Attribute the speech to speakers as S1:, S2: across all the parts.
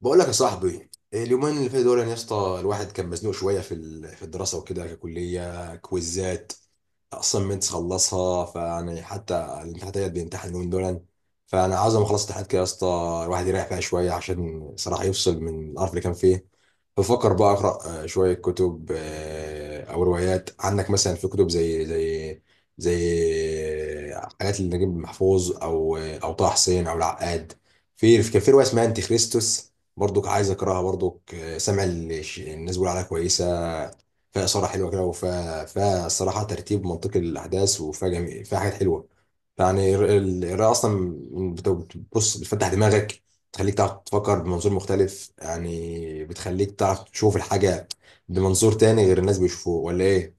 S1: بقول لك يا صاحبي، اليومين اللي فاتوا دول يعني يا اسطى الواحد كان مزنوق شويه في الدراسه وكده ككليه، كويزات اساينمنتس خلصها، فيعني حتى الامتحانات ديت بيمتحن اليومين دول. فانا عاوز لما اخلص الامتحانات كده يا اسطى الواحد يريح فيها شويه، عشان صراحه يفصل من القرف اللي كان فيه. بفكر بقى اقرا شويه كتب، او روايات. عندك مثلا في كتب زي حاجات لنجيب محفوظ او طه حسين او العقاد. كان في روايه اسمها انتي خريستوس، برضك عايز اكرهها. برضك سامع الناس بيقولوا عليها كويسه، فيها اثاره حلوه كده، وفيها الصراحه ترتيب منطقي للاحداث، وفيها جميل فيها حاجات حلوه. يعني القراءه اصلا بتبص، بتفتح دماغك، بتخليك تعرف تفكر بمنظور مختلف. يعني بتخليك تعرف تشوف الحاجه بمنظور تاني غير الناس بيشوفوه، ولا ايه؟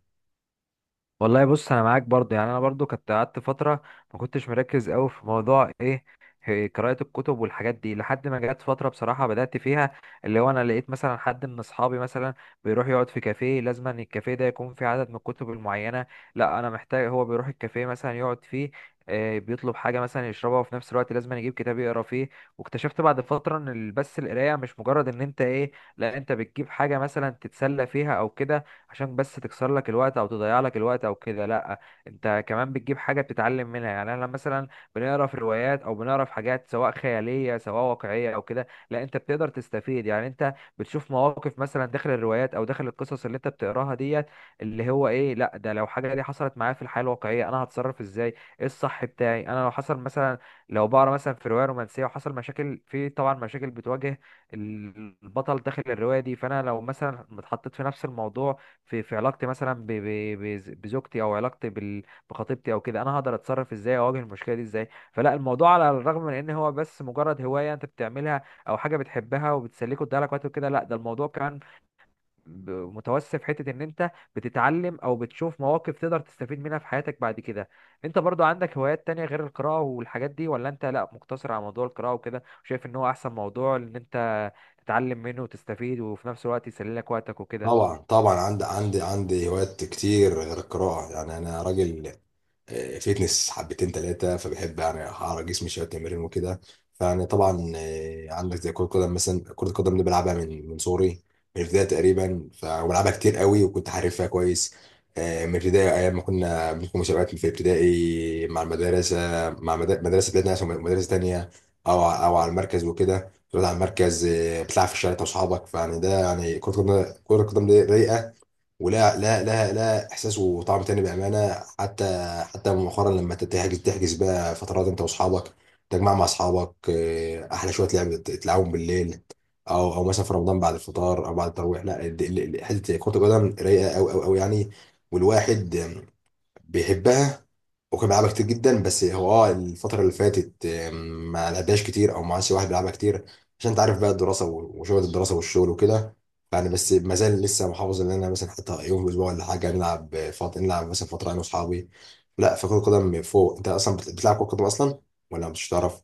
S2: والله بص، انا معاك برضه. يعني انا برضه كنت قعدت فتره ما كنتش مركز قوي في موضوع ايه إيه قراءه الكتب والحاجات دي، لحد ما جت فتره بصراحه بدات فيها، اللي هو انا لقيت مثلا حد من اصحابي مثلا بيروح يقعد في كافيه، لازم ان الكافيه ده يكون فيه عدد من الكتب المعينه. لا انا محتاج هو بيروح الكافيه مثلا يقعد فيه، بيطلب حاجة مثلا يشربها، وفي نفس الوقت لازم يجيب كتاب يقرا فيه. واكتشفت بعد فترة ان بس القراية مش مجرد ان انت ايه، لا انت بتجيب حاجة مثلا تتسلى فيها او كده، عشان بس تكسر لك الوقت او تضيع لك الوقت او كده. لا انت كمان بتجيب حاجه بتتعلم منها. يعني انا مثلا بنقرا في روايات او بنقرا في حاجات سواء خياليه سواء واقعيه او كده، لا انت بتقدر تستفيد. يعني انت بتشوف مواقف مثلا داخل الروايات او داخل القصص اللي انت بتقراها ديت، اللي هو ايه، لا ده لو حاجه دي حصلت معايا في الحياه الواقعيه، انا هتصرف ازاي؟ ايه الصح بتاعي انا لو حصل مثلا؟ لو بقرا مثلا في روايه رومانسيه، وحصل مشاكل في، طبعا مشاكل بتواجه البطل داخل الروايه دي، فانا لو مثلا اتحطيت في نفس الموضوع في في علاقتي مثلا بزوجتي، او علاقتي بخطيبتي او كده، انا هقدر اتصرف ازاي؟ اواجه المشكله دي ازاي؟ فلا الموضوع على الرغم من ان هو بس مجرد هوايه انت بتعملها او حاجه بتحبها وبتسليك وتضيعلك وقت وكده، لا ده الموضوع كان متوسع في حته ان انت بتتعلم او بتشوف مواقف تقدر تستفيد منها في حياتك بعد كده. انت برضو عندك هوايات تانية غير القراءه والحاجات دي؟ ولا انت لا، مقتصر على موضوع القراءه وكده، وشايف ان هو احسن موضوع ان انت تتعلم منه وتستفيد وفي نفس الوقت يسلي لك وقتك وكده؟
S1: طبعا طبعا، عندي هوايات كتير غير القراءه. يعني انا راجل، فيتنس حبتين تلاتة، فبحب يعني أعرض جسمي شوية تمرين وكده. فيعني طبعا، عندك زي كرة قدم مثلا. كرة القدم دي بلعبها من صغري، من البداية تقريبا، فبلعبها كتير قوي وكنت حارفها كويس. من البداية، أيام ما كنا بنكون مسابقات في ابتدائي مع المدرسة، مع مدرسة بلادنا عشان مدرسة تانية، أو على المركز وكده. تقعد على المركز، بتلعب في الشارع أنت وأصحابك، فيعني ده يعني كرة القدم. كرة القدم دي رايقة، ولا؟ لا لا لا، احساس وطعم تاني بامانه. حتى مؤخرا لما انت تحجز بقى فترات انت واصحابك، تجمع مع اصحابك، احلى شويه لعب تلعبهم بالليل، او مثلا في رمضان بعد الفطار او بعد التراويح. لا، حته كره القدم رايقه قوي قوي قوي يعني، والواحد بيحبها. وكان بيلعبها كتير جدا، بس هو الفترة اللي فاتت ما لعبهاش كتير، او ما عادش واحد بيلعبها كتير، عشان انت عارف بقى، الدراسة وشغل الدراسة والشغل وكده. يعني بس ما زال لسه محافظ ان انا مثلا حتى يوم في الاسبوع ولا حاجة نلعب فترة، نلعب مثلا فترة انا واصحابي. لا، فكرة القدم فوق. انت اصلا بتلعب كرة قدم اصلا، ولا مش تعرف؟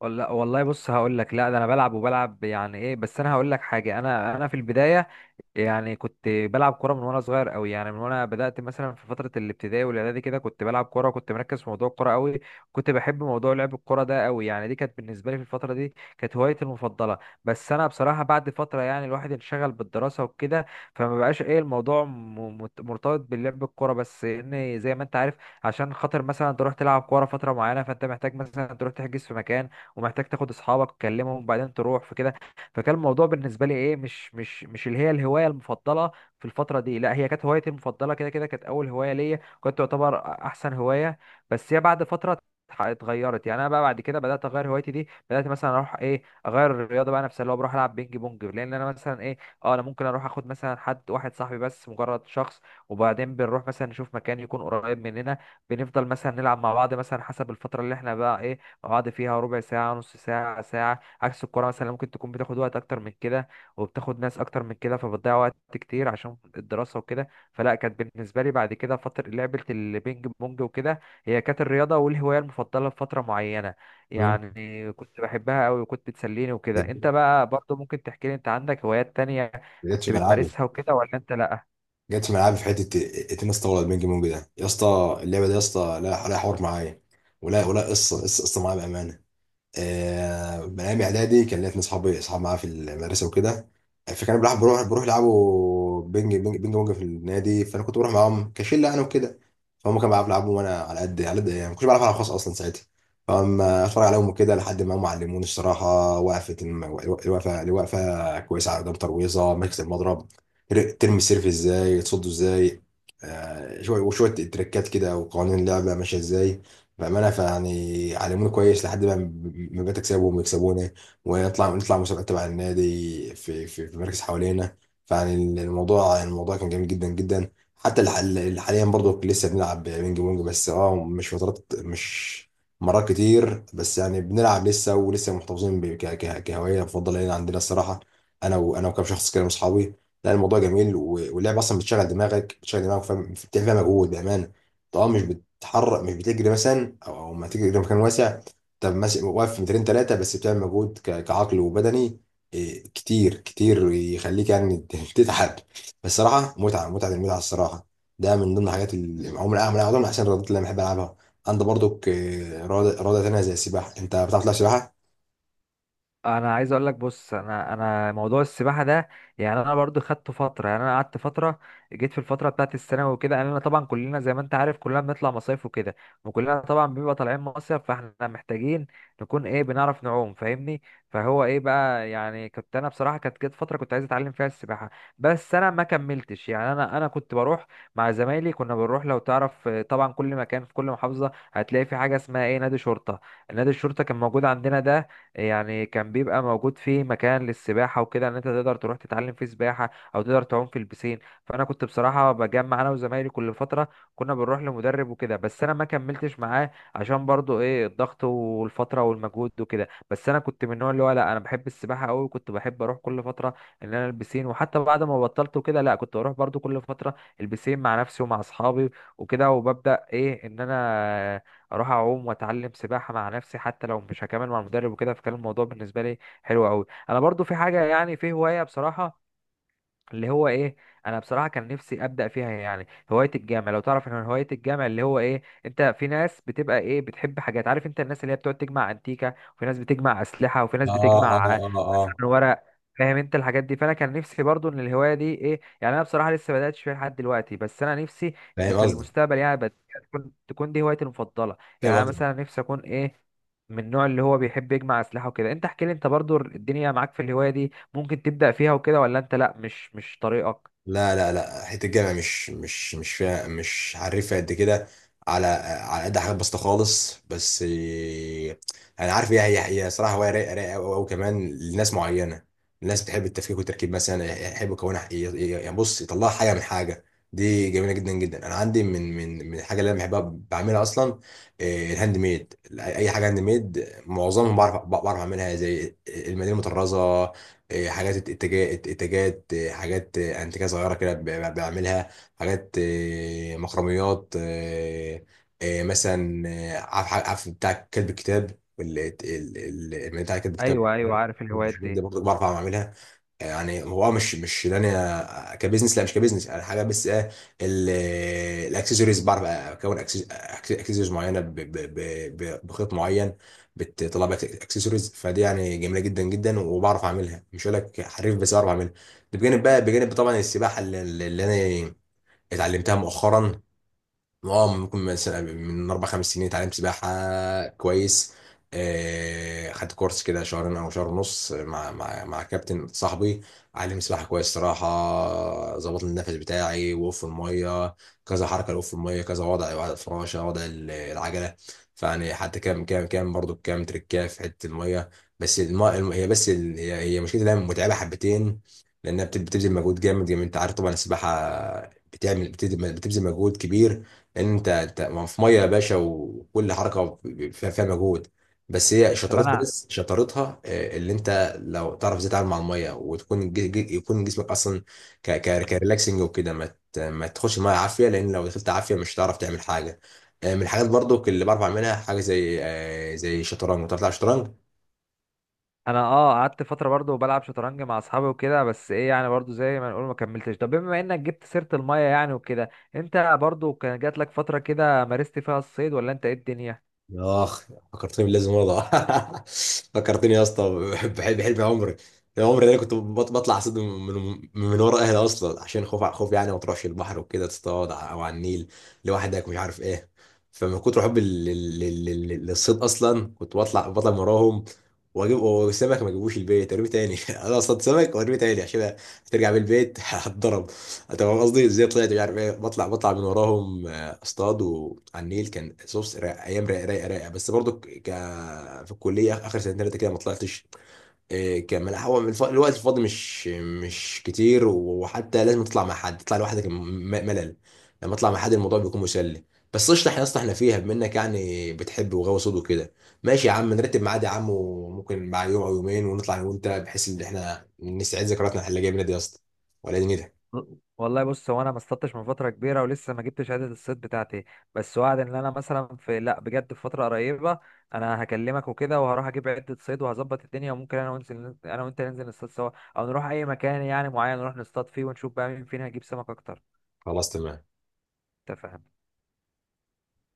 S2: ولا؟ والله بص، هقول لك. لا ده انا بلعب وبلعب يعني ايه، بس انا هقول لك حاجه. انا في البدايه، يعني كنت بلعب كوره من وانا صغير قوي، يعني من وانا بدات مثلا في فتره الابتدائي والاعدادي كده، كنت بلعب كوره، كنت مركز في موضوع الكوره قوي، كنت بحب موضوع لعب الكوره ده قوي. يعني دي كانت بالنسبه لي في الفتره دي، كانت هوايتي المفضله. بس انا بصراحه بعد فتره يعني الواحد انشغل بالدراسه وكده، فما بقاش ايه الموضوع مرتبط باللعب الكوره. بس ان زي ما انت عارف، عشان خاطر مثلا تروح تلعب كوره فتره معينه، فانت محتاج مثلا تروح تحجز في مكان، ومحتاج تاخد اصحابك تكلمهم وبعدين تروح في، فكان الموضوع بالنسبه لي ايه مش اللي هي الهوايه المفضله في الفتره دي. لا هي كانت هوايتي المفضله كده، كده كانت اول هوايه ليا، كنت تعتبر احسن هوايه، بس هي بعد فتره اتغيرت. يعني انا بقى بعد كده بدات اغير هوايتي دي، بدات مثلا اروح ايه اغير الرياضه بقى نفسها، اللي هو بروح العب بينج بونج، لان انا مثلا ايه، اه انا ممكن اروح اخد مثلا حد واحد صاحبي، بس مجرد شخص، وبعدين بنروح مثلا نشوف مكان يكون قريب مننا، بنفضل مثلا نلعب مع بعض مثلا حسب الفتره اللي احنا بقى ايه مع بعض فيها، ربع ساعه، نص ساعه، ساعه. عكس الكوره مثلا، ممكن تكون بتاخد وقت اكتر من كده، وبتاخد ناس اكتر من كده، فبتضيع وقت كتير عشان الدراسه وكده. فلا كانت بالنسبه لي بعد كده فتره لعبه البينج بونج وكده، هي كانت الرياضه والهوايه المفضله لفتره معينه.
S1: مم.
S2: يعني كنت بحبها قوي وكنت بتسليني وكده. انت
S1: ده
S2: بقى برضو ممكن تحكي لي انت عندك هوايات تانية
S1: جت في
S2: كنت
S1: ملعبي،
S2: بتمارسها وكده؟ ولا انت لا؟
S1: جت في ملعبي في حته التنس طاوله. البينج بونج ده يا اسطى، اللعبه دي يا اسطى، لا لا، حوار معايا، ولا قصه قصه قصه معايا بامانه. من ايام اعدادي كان ليا اتنين اصحابي، اصحاب معايا في المدرسه وكده، فكان بروح يلعبوا بينج بونج في النادي، فانا كنت بروح معاهم كشله انا وكده. فهم كانوا يلعبوا وانا على قد على قد، يعني ما كنتش بعرف العب خالص اصلا ساعتها، فاما اتفرج عليهم وكده لحد ما هم علموني الصراحه وقفه، الوقفه كويسه على قدام، ترويزه ماسك المضرب، ترمي السيرف ازاي، تصده ازاي، شويه وشويه تريكات كده، وقوانين اللعبه ماشيه ازاي. بأمانة فيعني علمونا كويس لحد ما بقيت أكسبهم ويكسبونا، نطلع مسابقات تبع النادي في مراكز حوالينا. فيعني الموضوع كان جميل جدا جدا. حتى اللي حاليا برضو لسه بنلعب بينج بونج، بس مش مرات كتير، بس يعني بنلعب لسه، ولسه محتفظين كهواية مفضلة لنا عندنا الصراحة، أنا وكام شخص كده من أصحابي. لا الموضوع جميل، واللعب أصلا بتشغل دماغك، فاهم، بتعمل فيها مجهود بأمانة. اه مش بتحرك، مش بتجري مثلا، او ما تجري في مكان واسع، طب مثلا واقف في مترين ثلاثه بس. بتعمل مجهود كعقل وبدني، إيه، كتير كتير يخليك يعني تتعب. بس صراحه متعه متعه، المتعه الصراحه، ده من ضمن الحاجات اللي عمري من احسن الرياضات اللي انا بحب العبها. عندي برضك إيه، رياضه تانيه زي السباحه. انت بتعرف تلعب سباحه؟
S2: انا عايز اقول لك، بص انا موضوع السباحه ده، يعني انا برضو خدت فتره، يعني انا قعدت فتره، جيت في الفتره بتاعت الثانوي وكده. يعني انا طبعا كلنا زي ما انت عارف كلنا بنطلع مصايف وكده، وكلنا طبعا بنبقى طالعين مصيف، فاحنا محتاجين نكون ايه، بنعرف نعوم، فاهمني؟ فهو ايه بقى، يعني كنت انا بصراحه كانت جت فتره كنت عايز اتعلم فيها السباحه، بس انا ما كملتش. يعني انا كنت بروح مع زمايلي، كنا بنروح، لو تعرف طبعا كل مكان في كل محافظه هتلاقي في حاجه اسمها ايه، نادي شرطه. نادي الشرطه كان موجود عندنا ده، يعني كان بيبقى موجود فيه مكان للسباحة وكده، ان انت تقدر تروح تتعلم فيه سباحة او تقدر تعوم في البسين. فانا كنت بصراحة بجمع انا وزمايلي كل فترة، كنا بنروح لمدرب وكده، بس انا ما كملتش معاه عشان برضو ايه الضغط والفترة والمجهود وكده. بس انا كنت من النوع اللي هو لا، انا بحب السباحة قوي، كنت بحب اروح كل فترة ان انا البسين، وحتى بعد ما بطلت وكده لا، كنت بروح برضو كل فترة البسين مع نفسي ومع اصحابي وكده، وببدأ ايه، ان انا اروح اعوم واتعلم سباحه مع نفسي حتى لو مش هكمل مع المدرب وكده. فكان الموضوع بالنسبه لي حلو قوي. انا برضو في حاجه، يعني في هوايه بصراحه، اللي هو ايه، انا بصراحه كان نفسي ابدا فيها، يعني هوايه الجامع. لو تعرف ان هوايه الجامع اللي هو ايه، انت في ناس بتبقى ايه، بتحب حاجات، عارف انت الناس اللي هي بتقعد تجمع انتيكه، وفي ناس بتجمع اسلحه، وفي ناس
S1: اه اه
S2: بتجمع
S1: اه اه،
S2: مثلا ورق. فاهم انت الحاجات دي؟ فانا كان نفسي برضو ان الهوايه دي ايه، يعني انا بصراحه لسه ما بداتش فيها لحد دلوقتي، بس انا نفسي ان
S1: فاهم
S2: في
S1: قصدك،
S2: المستقبل يعني تكون دي هوايتي المفضله. يعني
S1: فاهم
S2: انا
S1: قصدك.
S2: مثلا نفسي اكون ايه، من النوع اللي هو بيحب يجمع اسلحه وكده. انت احكي لي، انت برضو الدنيا معاك في الهوايه دي، ممكن تبدأ فيها وكده؟ ولا انت لا، مش طريقك؟
S1: لا لا لا، حته الجامع مش فيها، مش عارفها قد كده، على قد حاجات بسيطه خالص، بس إيه، انا عارف، هي صراحه هوايه رايقه، رايقه قوي قوي، كمان لناس معينه. الناس بتحب التفكيك والتركيب، مثلا يحب يكونها يعني بص، يطلعها حاجه من حاجه، دي جميله جدا جدا. انا عندي من الحاجه اللي انا بحبها بعملها اصلا، إيه، الهاند ميد. اي حاجه هاند ميد معظمهم بعرف، اعملها زي المدينه المطرزه، إيه، حاجات، اتجاهات، إيه، حاجات انتيكه صغيره كده بعملها. حاجات مخرميات، مثلا، عارف، بتاع كلب الكتاب، بتاع كلب الكتاب.
S2: ايوه ايوه، عارف الهوايات
S1: الحاجات دي
S2: دي.
S1: برضه بعرف اعملها. يعني هو مش ان انا كبزنس، لا مش كبزنس انا حاجه، بس ايه، ال- الاكسسوارز بعرف، اكسسوارز معينه بخيط معين، بتطلع بقى اكسسوارز، فدي يعني جميله جدا جدا، وبعرف اعملها. مش هقول لك حريف، بس بعرف اعملها. ده بجانب بقى، بجانب طبعا السباحه اللي انا اتعلمتها مؤخرا. اه ممكن مثلا من اربع خمس سنين اتعلمت سباحه كويس. خدت كورس كده شهرين او شهر ونص مع كابتن صاحبي، علم سباحه كويس صراحه. ظبط لي النفس بتاعي، وقف الميه كذا حركه لوقف الميه، كذا وضع الفراشه، وضع العجله، فيعني حتى كام برضو كام تريكاه في حته الميه. بس الماء الم... هي بس ال... هي مشكلتها متعبه حبتين، لانها بتبذل مجهود جامد. يعني انت عارف طبعا السباحه بتعمل، بتبذل مجهود كبير، لان انت أنت في ميه يا باشا، وكل حركه فيها مجهود.
S2: طب انا،
S1: بس شطارتها اللي انت لو تعرف ازاي تتعامل مع الميه، وتكون يكون جسمك اصلا ك ك كريلاكسنج وكده، ما ما تخش الميه عافيه، لان لو دخلت عافيه مش هتعرف تعمل حاجه. من الحاجات برضو اللي بعرف اعملها حاجه زي، شطرنج. بتعرف تلعب شطرنج؟
S2: انا اه قعدت فترة برضو بلعب شطرنج مع اصحابي وكده، بس ايه يعني برضو زي ما نقول ما كملتش. طب بما انك جبت سيرة المية يعني وكده، انت برضو كان جات لك فترة كده مارست فيها الصيد؟ ولا انت ايه الدنيا؟
S1: اخ، فكرتني باللازم ارضى فكرتني يا اسطى، بحلم عمري. يا عمري، ده انا كنت بطلع اصطاد من، من ورا اهلي اصلا، عشان خوف خوف، يعني ما تروحش البحر وكده تصطاد او على النيل لوحدك مش عارف ايه. فمن كتر حبي للصيد اصلا، كنت بطلع من وراهم واجيب وسمك، ما اجيبوش البيت ارميه تاني انا اصطاد سمك وارميه تاني، عشان هترجع بالبيت هتضرب. طب قصدي ازاي طلعت مش عارف ايه، بطلع من وراهم اصطادوا على النيل، كان صوص رائع، ايام رايقه رايقه رايقه. بس برضو في الكليه اخر سنتين ثلاثه كده ما طلعتش، إيه، كان هو من الوقت الفاضي مش كتير، وحتى لازم تطلع مع حد، تطلع لوحدك ملل، لما اطلع مع حد الموضوع بيكون مسلي. بس قشطه، احنا اصلا احنا فيها، بما انك يعني بتحب وغاوي صوت وكده، ماشي يا عم نرتب ميعاد يا عم. وممكن مع يوم او يومين ونطلع انا وانت، بحيث ان احنا نستعيد ذكرياتنا احنا اللي جايه منها دي يا اسطى، ولا دي نيتك؟
S2: والله بص، هو انا ما اصطدتش من فتره كبيره، ولسه ما جبتش عدد الصيد بتاعتي، بس وعد ان انا مثلا في، لا بجد، في فتره قريبه انا هكلمك وكده، وهروح اجيب عده صيد وهظبط الدنيا، وممكن انا وانزل، انا وانت ننزل نصطاد سوا، او نروح اي مكان يعني معين نروح نصطاد فيه، ونشوف بقى مين فينا هيجيب سمك اكتر.
S1: خلاص، تمام.
S2: انت فاهم؟